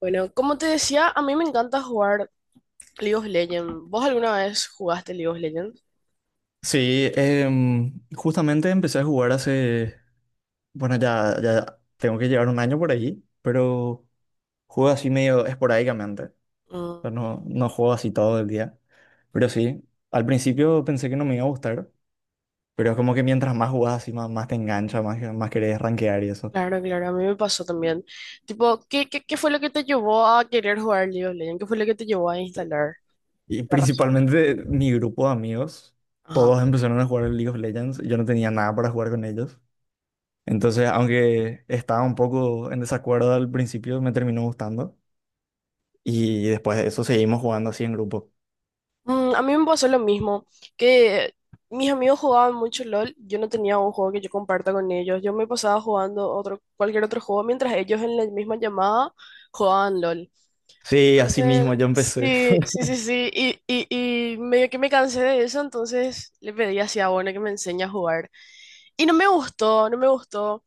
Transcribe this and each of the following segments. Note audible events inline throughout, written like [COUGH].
Bueno, como te decía, a mí me encanta jugar League of Legends. ¿Vos alguna vez jugaste League of Legends? Sí, justamente empecé a jugar hace, bueno, ya tengo que llevar un año por ahí, pero juego así medio esporádicamente, o Mm, sea, no juego así todo el día, pero sí, al principio pensé que no me iba a gustar, pero es como que mientras más jugás así, más te engancha, más querés rankear y eso. claro, claro, a mí me pasó también. Tipo, ¿qué fue lo que te llevó a querer jugar League of Legends? ¿Qué fue lo que te llevó a instalar Y esta razón? principalmente mi grupo de amigos, Ajá. todos empezaron a jugar el League of Legends, y yo no tenía nada para jugar con ellos, entonces aunque estaba un poco en desacuerdo al principio, me terminó gustando. Y después de eso seguimos jugando así en grupo. Mm, a mí me pasó lo mismo, que mis amigos jugaban mucho LOL, yo no tenía un juego que yo comparta con ellos, yo me pasaba jugando otro, cualquier otro juego mientras ellos en la misma llamada jugaban LOL. Sí, así Entonces, mismo yo empecé. sí, [LAUGHS] sí, sí, sí, y medio que me cansé de eso, entonces le pedí así a Bona que me enseñe a jugar. Y no me gustó, no me gustó.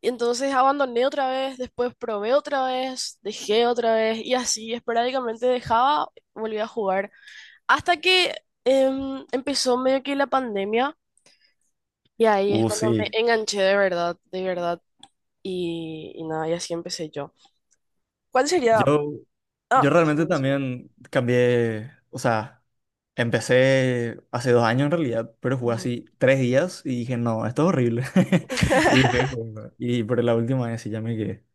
Y entonces abandoné otra vez, después probé otra vez, dejé otra vez, y así esporádicamente dejaba, volví a jugar. Hasta que empezó medio que la pandemia, y ahí es cuando me sí. enganché de verdad, y nada, y así empecé yo. ¿Cuál sería? Yo, yo Ah, realmente eso. también cambié, o sea, empecé hace dos años en realidad, pero jugué Ujú. así tres días y dije, no, esto es horrible. [LAUGHS] Y dije, [LAUGHS] "Bueno", y por la última vez sí ya me quedé.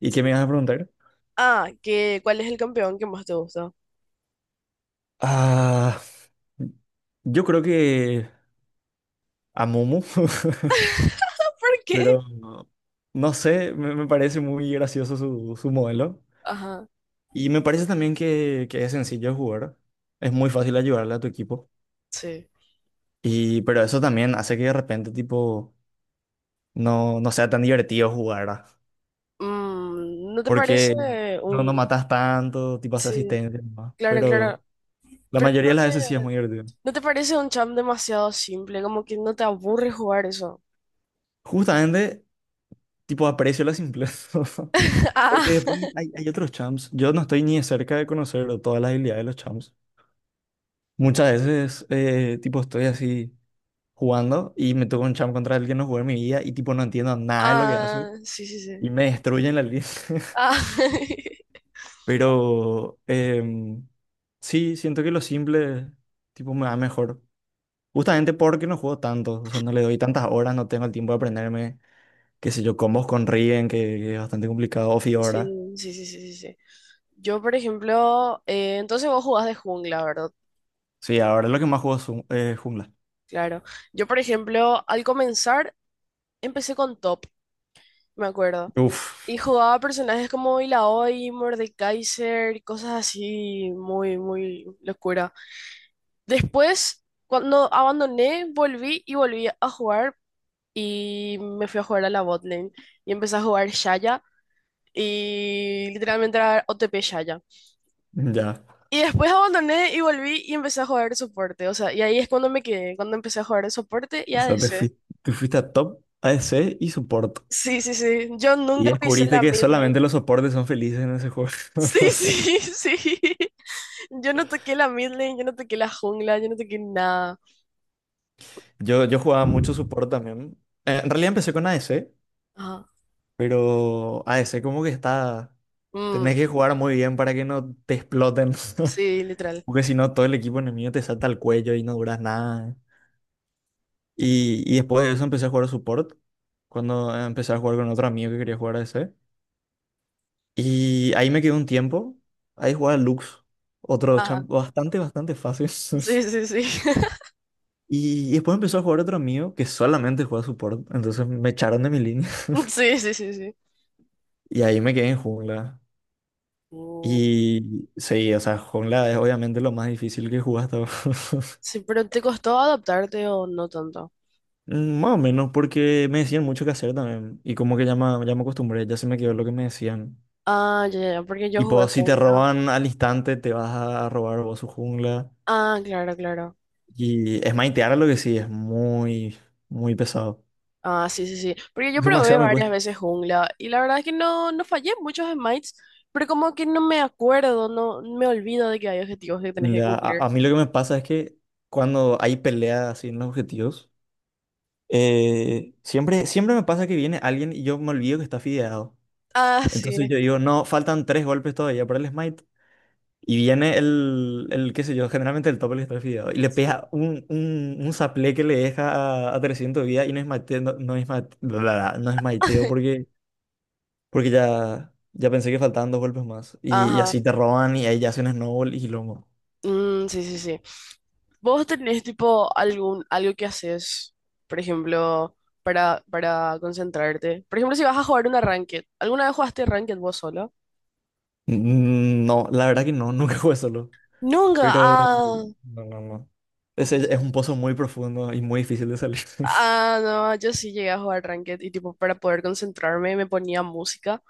¿Y qué me ibas a preguntar? Ah, que, ¿cuál es el campeón que más te gusta? [LAUGHS] Ah, yo creo que a Momo, [LAUGHS] ¿Por qué? pero no sé, me parece muy gracioso su modelo. Ajá, Y me parece también que es sencillo jugar. Es muy fácil ayudarle a tu equipo. sí. Y, pero eso también hace que de repente, tipo, no sea tan divertido jugar, ¿verdad? Mm, ¿no te parece Porque no, un... no matas tanto, tipo, haces Sí, asistencia nomás. claro, claro. Pero la Pero mayoría de las veces sí es muy divertido. ¿no te parece un champ demasiado simple? Como que no te aburre jugar eso. Justamente, tipo, aprecio la simpleza. [LAUGHS] [LAUGHS] Ah, Porque después hay otros champs. Yo no estoy ni de cerca de conocer todas las habilidades de los champs. Muchas veces, tipo, estoy así, jugando y me tocó un champ contra el que no jugué en mi vida y tipo no entiendo nada de lo que hace ah, sí, sí, sí. y me destruyen la línea. [LAUGHS] Ah, [LAUGHS] Pero sí, siento que lo simple tipo me va mejor. Justamente porque no juego tanto, o sea, no le doy tantas horas, no tengo el tiempo de aprenderme, qué sé yo, combos con Riven, que es bastante complicado, o sí, Fiora. sí, sí, sí, sí, sí. Yo, por ejemplo, entonces vos jugás de jungla, ¿verdad? Sí, ahora lo que más juego es jungla. Claro. Yo, por ejemplo, al comenzar, empecé con top, me acuerdo. Y Uf, jugaba personajes como Illaoi, Mordekaiser y cosas así, muy, muy locura. Después, cuando abandoné, volví y volví a jugar y me fui a jugar a la botlane y empecé a jugar Shaya y literalmente era OTP Shaya. ya. Y después abandoné y volví y empecé a jugar soporte, o sea, y ahí es cuando me quedé, cuando empecé a jugar de soporte y O sea, ADC. Te fuiste a top, ADC y soporte. Sí, sí, sí, yo Y nunca pisé descubriste la que mid lane. solamente los soportes son felices en ese juego. [LAUGHS] Sí, sí, [LAUGHS] sí. Yo no toqué la mid lane, yo no toqué la jungla, yo no toqué nada. Yo jugaba mucho support también. En realidad empecé con ADC, Ajá. pero ADC como que está... Tenés Mm, que jugar muy bien para que no te exploten. sí, literal. [LAUGHS] Porque si no, todo el equipo enemigo te salta al cuello y no duras nada. Y después de eso empecé a jugar a support. Cuando empecé a jugar con otro amigo que quería jugar a ADC. Y ahí me quedé un tiempo. Ahí jugaba Lux. Otro Ajá. champ bastante fácil. Sí, sí, sí. [LAUGHS] [LAUGHS] Y después empezó a jugar otro amigo que solamente juega support. Entonces me echaron de mi línea. Sí, sí, sí, sí. Y ahí me quedé en jungla. Mm, Y sí, o sea, jungla es obviamente lo más difícil que jugué hasta ahora. [LAUGHS] sí, pero ¿te costó adaptarte o no tanto? Mm, más o menos, porque me decían mucho que hacer también. Y como que ya me acostumbré, ya se me quedó lo que me decían. Ah, ya, ya, ya, porque yo Y jugué pues, si te jungla. roban al instante, te vas a robar vos su jungla. Ah, claro, claro. Y es maitear lo que sí, es muy pesado. Ah, sí, sí, sí. Porque yo probé Demasiado me varias cuesta. veces jungla y la verdad es que no, no fallé muchos smites, pero como que no me acuerdo, no me olvido de que hay objetivos que tenés que Ya, cumplir. A mí lo que me pasa es que cuando hay peleas así en los objetivos, siempre me pasa que viene alguien y yo me olvido que está fideado. Ah, Entonces sí. yo digo, no, faltan tres golpes todavía para el smite. Y viene el qué sé yo, generalmente el tope está fideado. Y le Sí. pega un saplé que le deja a 300 vida y no es mateo no, no esmaiteo [LAUGHS] porque, ya pensé que faltaban dos golpes más. Y Ajá, así te roban y ahí ya hacen snowball y lomo. mm, sí, sí, sí. ¿Vos tenés tipo algún, algo que haces, por ejemplo, para concentrarte? Por ejemplo, si vas a jugar una ranked, ¿alguna vez jugaste ranked vos solo? Mm, no, la verdad que no, [LAUGHS] nunca jugué solo. Nunca. Pero Ah, no. Ese es un pozo entonces- muy profundo y muy difícil de salir. [LAUGHS] ah, no, yo sí llegué a jugar ranked y tipo para poder concentrarme me ponía música.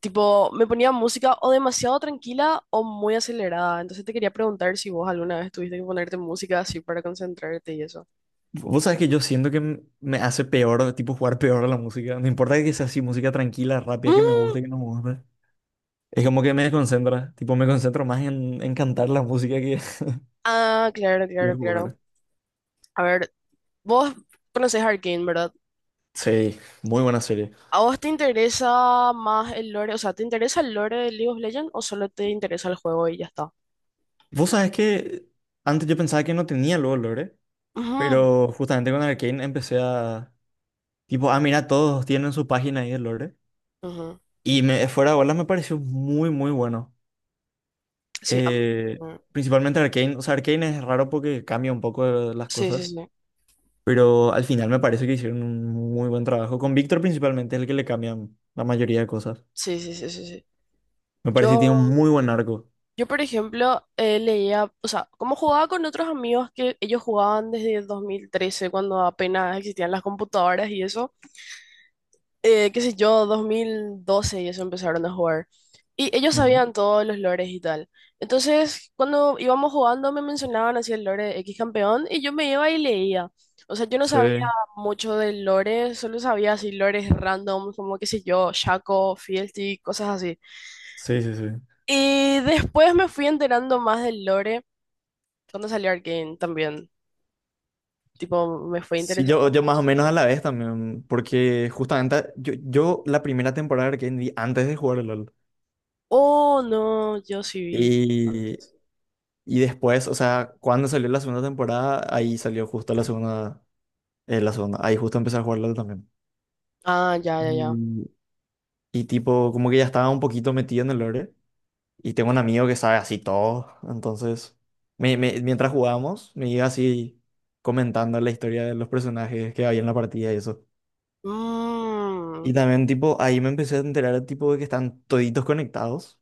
Tipo, me ponía música o demasiado tranquila o muy acelerada. Entonces te quería preguntar si vos alguna vez tuviste que ponerte música así para concentrarte y eso. Vos sabés que yo siento que me hace peor, tipo jugar peor a la música. No importa que sea así, música tranquila, rápida, que me Mm, guste, que no me guste. Es como que me desconcentra. Tipo, me concentro más en cantar la música que ah, claro, [LAUGHS] que claro, en claro. jugar. A ver, vos conocés Arcane, ¿verdad? Sí, muy buena serie. ¿A vos te interesa más el lore? O sea, ¿te interesa el lore de League of Legends o solo te interesa el juego y ya está? Vos sabés que antes yo pensaba que no tenía luego lore, Ujú, pero justamente con Arcane tipo, ah, mira, todos tienen su página ahí de lore. ujú. Y fuera de bolas me pareció muy bueno. Sí, Eh, ujú. principalmente Arcane. O sea, Arcane es raro porque cambia un poco las Sí, sí, cosas. sí. Pero al final me parece que hicieron un muy buen trabajo. Con Víctor principalmente es el que le cambian la mayoría de cosas. Sí, sí, sí, sí, sí. Me parece que tiene un Yo, muy buen arco. yo, por ejemplo, leía, o sea, como jugaba con otros amigos que ellos jugaban desde el 2013 cuando apenas existían las computadoras y eso. Eh, qué sé yo, 2012 y eso empezaron a jugar. Y ellos Ujú. sabían todos los lores y tal. Entonces, cuando íbamos jugando, me mencionaban así el lore X campeón y yo me iba y leía. O sea, yo no sabía Sí. mucho del lore, solo sabía así lores random, como qué sé yo, Shaco, Fealty, cosas así. Sí, sí, sí. Y después me fui enterando más del lore cuando salió Arcane también. Tipo, me fue Sí, interesando yo más o más. menos a la vez también, porque justamente yo la primera temporada de Arcane vi antes de jugar al LOL. Oh, no, yo sí vi Y, antes. y después, o sea, cuando salió la segunda temporada, ahí salió justo la segunda, ahí justo empecé a jugar LOL también. Ah, ya, ya, ya. Y, y tipo, como que ya estaba un poquito metido en el lore. Y tengo un amigo que sabe así todo. Entonces, mientras jugábamos, me iba así comentando la historia de los personajes que había en la partida y eso. Mm, Y también, tipo, ahí me empecé a enterar, tipo, de que están toditos conectados.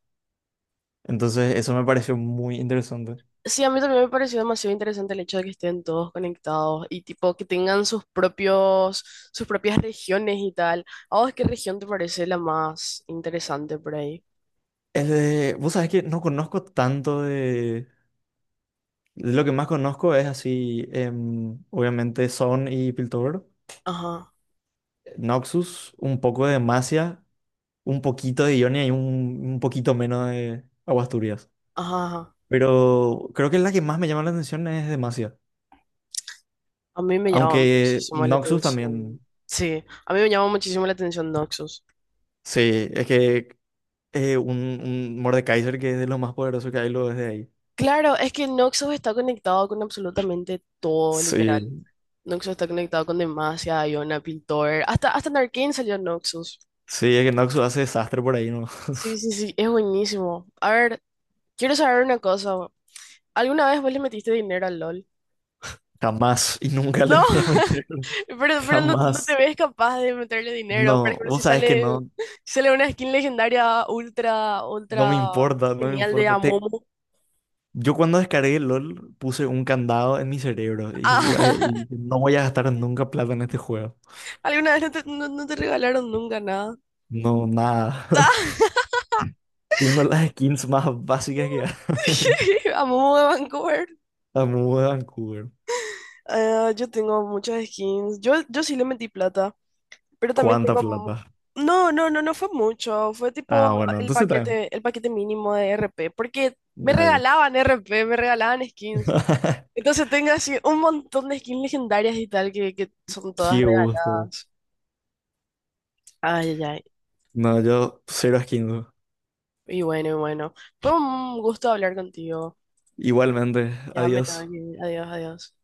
Entonces, eso me pareció muy interesante. sí, a mí también me pareció demasiado interesante el hecho de que estén todos conectados y tipo que tengan sus propios, sus propias regiones y tal. ¿A vos qué región te parece la más interesante por ahí? Vos sabés que no conozco tanto de... De lo que más conozco es así, obviamente, Son y Piltover. Ajá, Noxus, un poco de Demacia, un poquito de Ionia y un poquito menos de Aguasturias. ajá, ajá. Pero creo que la que más me llama la atención es Demacia. A mí me llama Aunque muchísimo la Noxus también. atención. Sí, a mí me llama muchísimo la atención Noxus. Sí, es que un Mordekaiser que es de los más poderosos que hay lo desde ahí. Claro, es que Noxus está conectado con absolutamente todo, literal. Sí, Noxus está conectado con Demacia, Iona, Piltover. Hasta, hasta en Arcane salió Noxus. sí, es que Noxus hace desastre por ahí, ¿no? [LAUGHS] Sí, sí, sí, es buenísimo. A ver, quiero saber una cosa. ¿Alguna vez vos le metiste dinero al LOL? Jamás y nunca le No, voy a [LAUGHS] meter. Pero no, no te Jamás. ves capaz de meterle dinero. Por No, ejemplo, si vos sabés que sale, no, si sale una skin legendaria ultra, no me ultra importa, no me genial de importa. Amomo. Yo cuando descargué LOL puse un candado en mi cerebro y, Ah, y no voy a gastar nunca plata en este juego. [LAUGHS] ¿alguna vez no te, no, no te regalaron nunca nada? No, nada. [LAUGHS] Tengo las skins más básicas que hay. [LAUGHS] Amomo de Vancouver. [LAUGHS] La muda de Vancouver. Yo tengo muchas skins. Yo sí le metí plata. Pero también ¿Cuánta tengo... plata? No, no, no, no fue mucho. Fue Ah, tipo bueno, el entonces también. paquete, el paquete mínimo de RP. Porque me Ya, ya. regalaban RP, me regalaban skins. [LAUGHS] Entonces tengo así un montón de skins legendarias y tal que son todas Qué gusto. regaladas. Ay, ay, ay. No, yo cero skins. Y bueno, y bueno. Fue un gusto hablar contigo. Igualmente, Ya me tengo adiós. que ir. Adiós, adiós.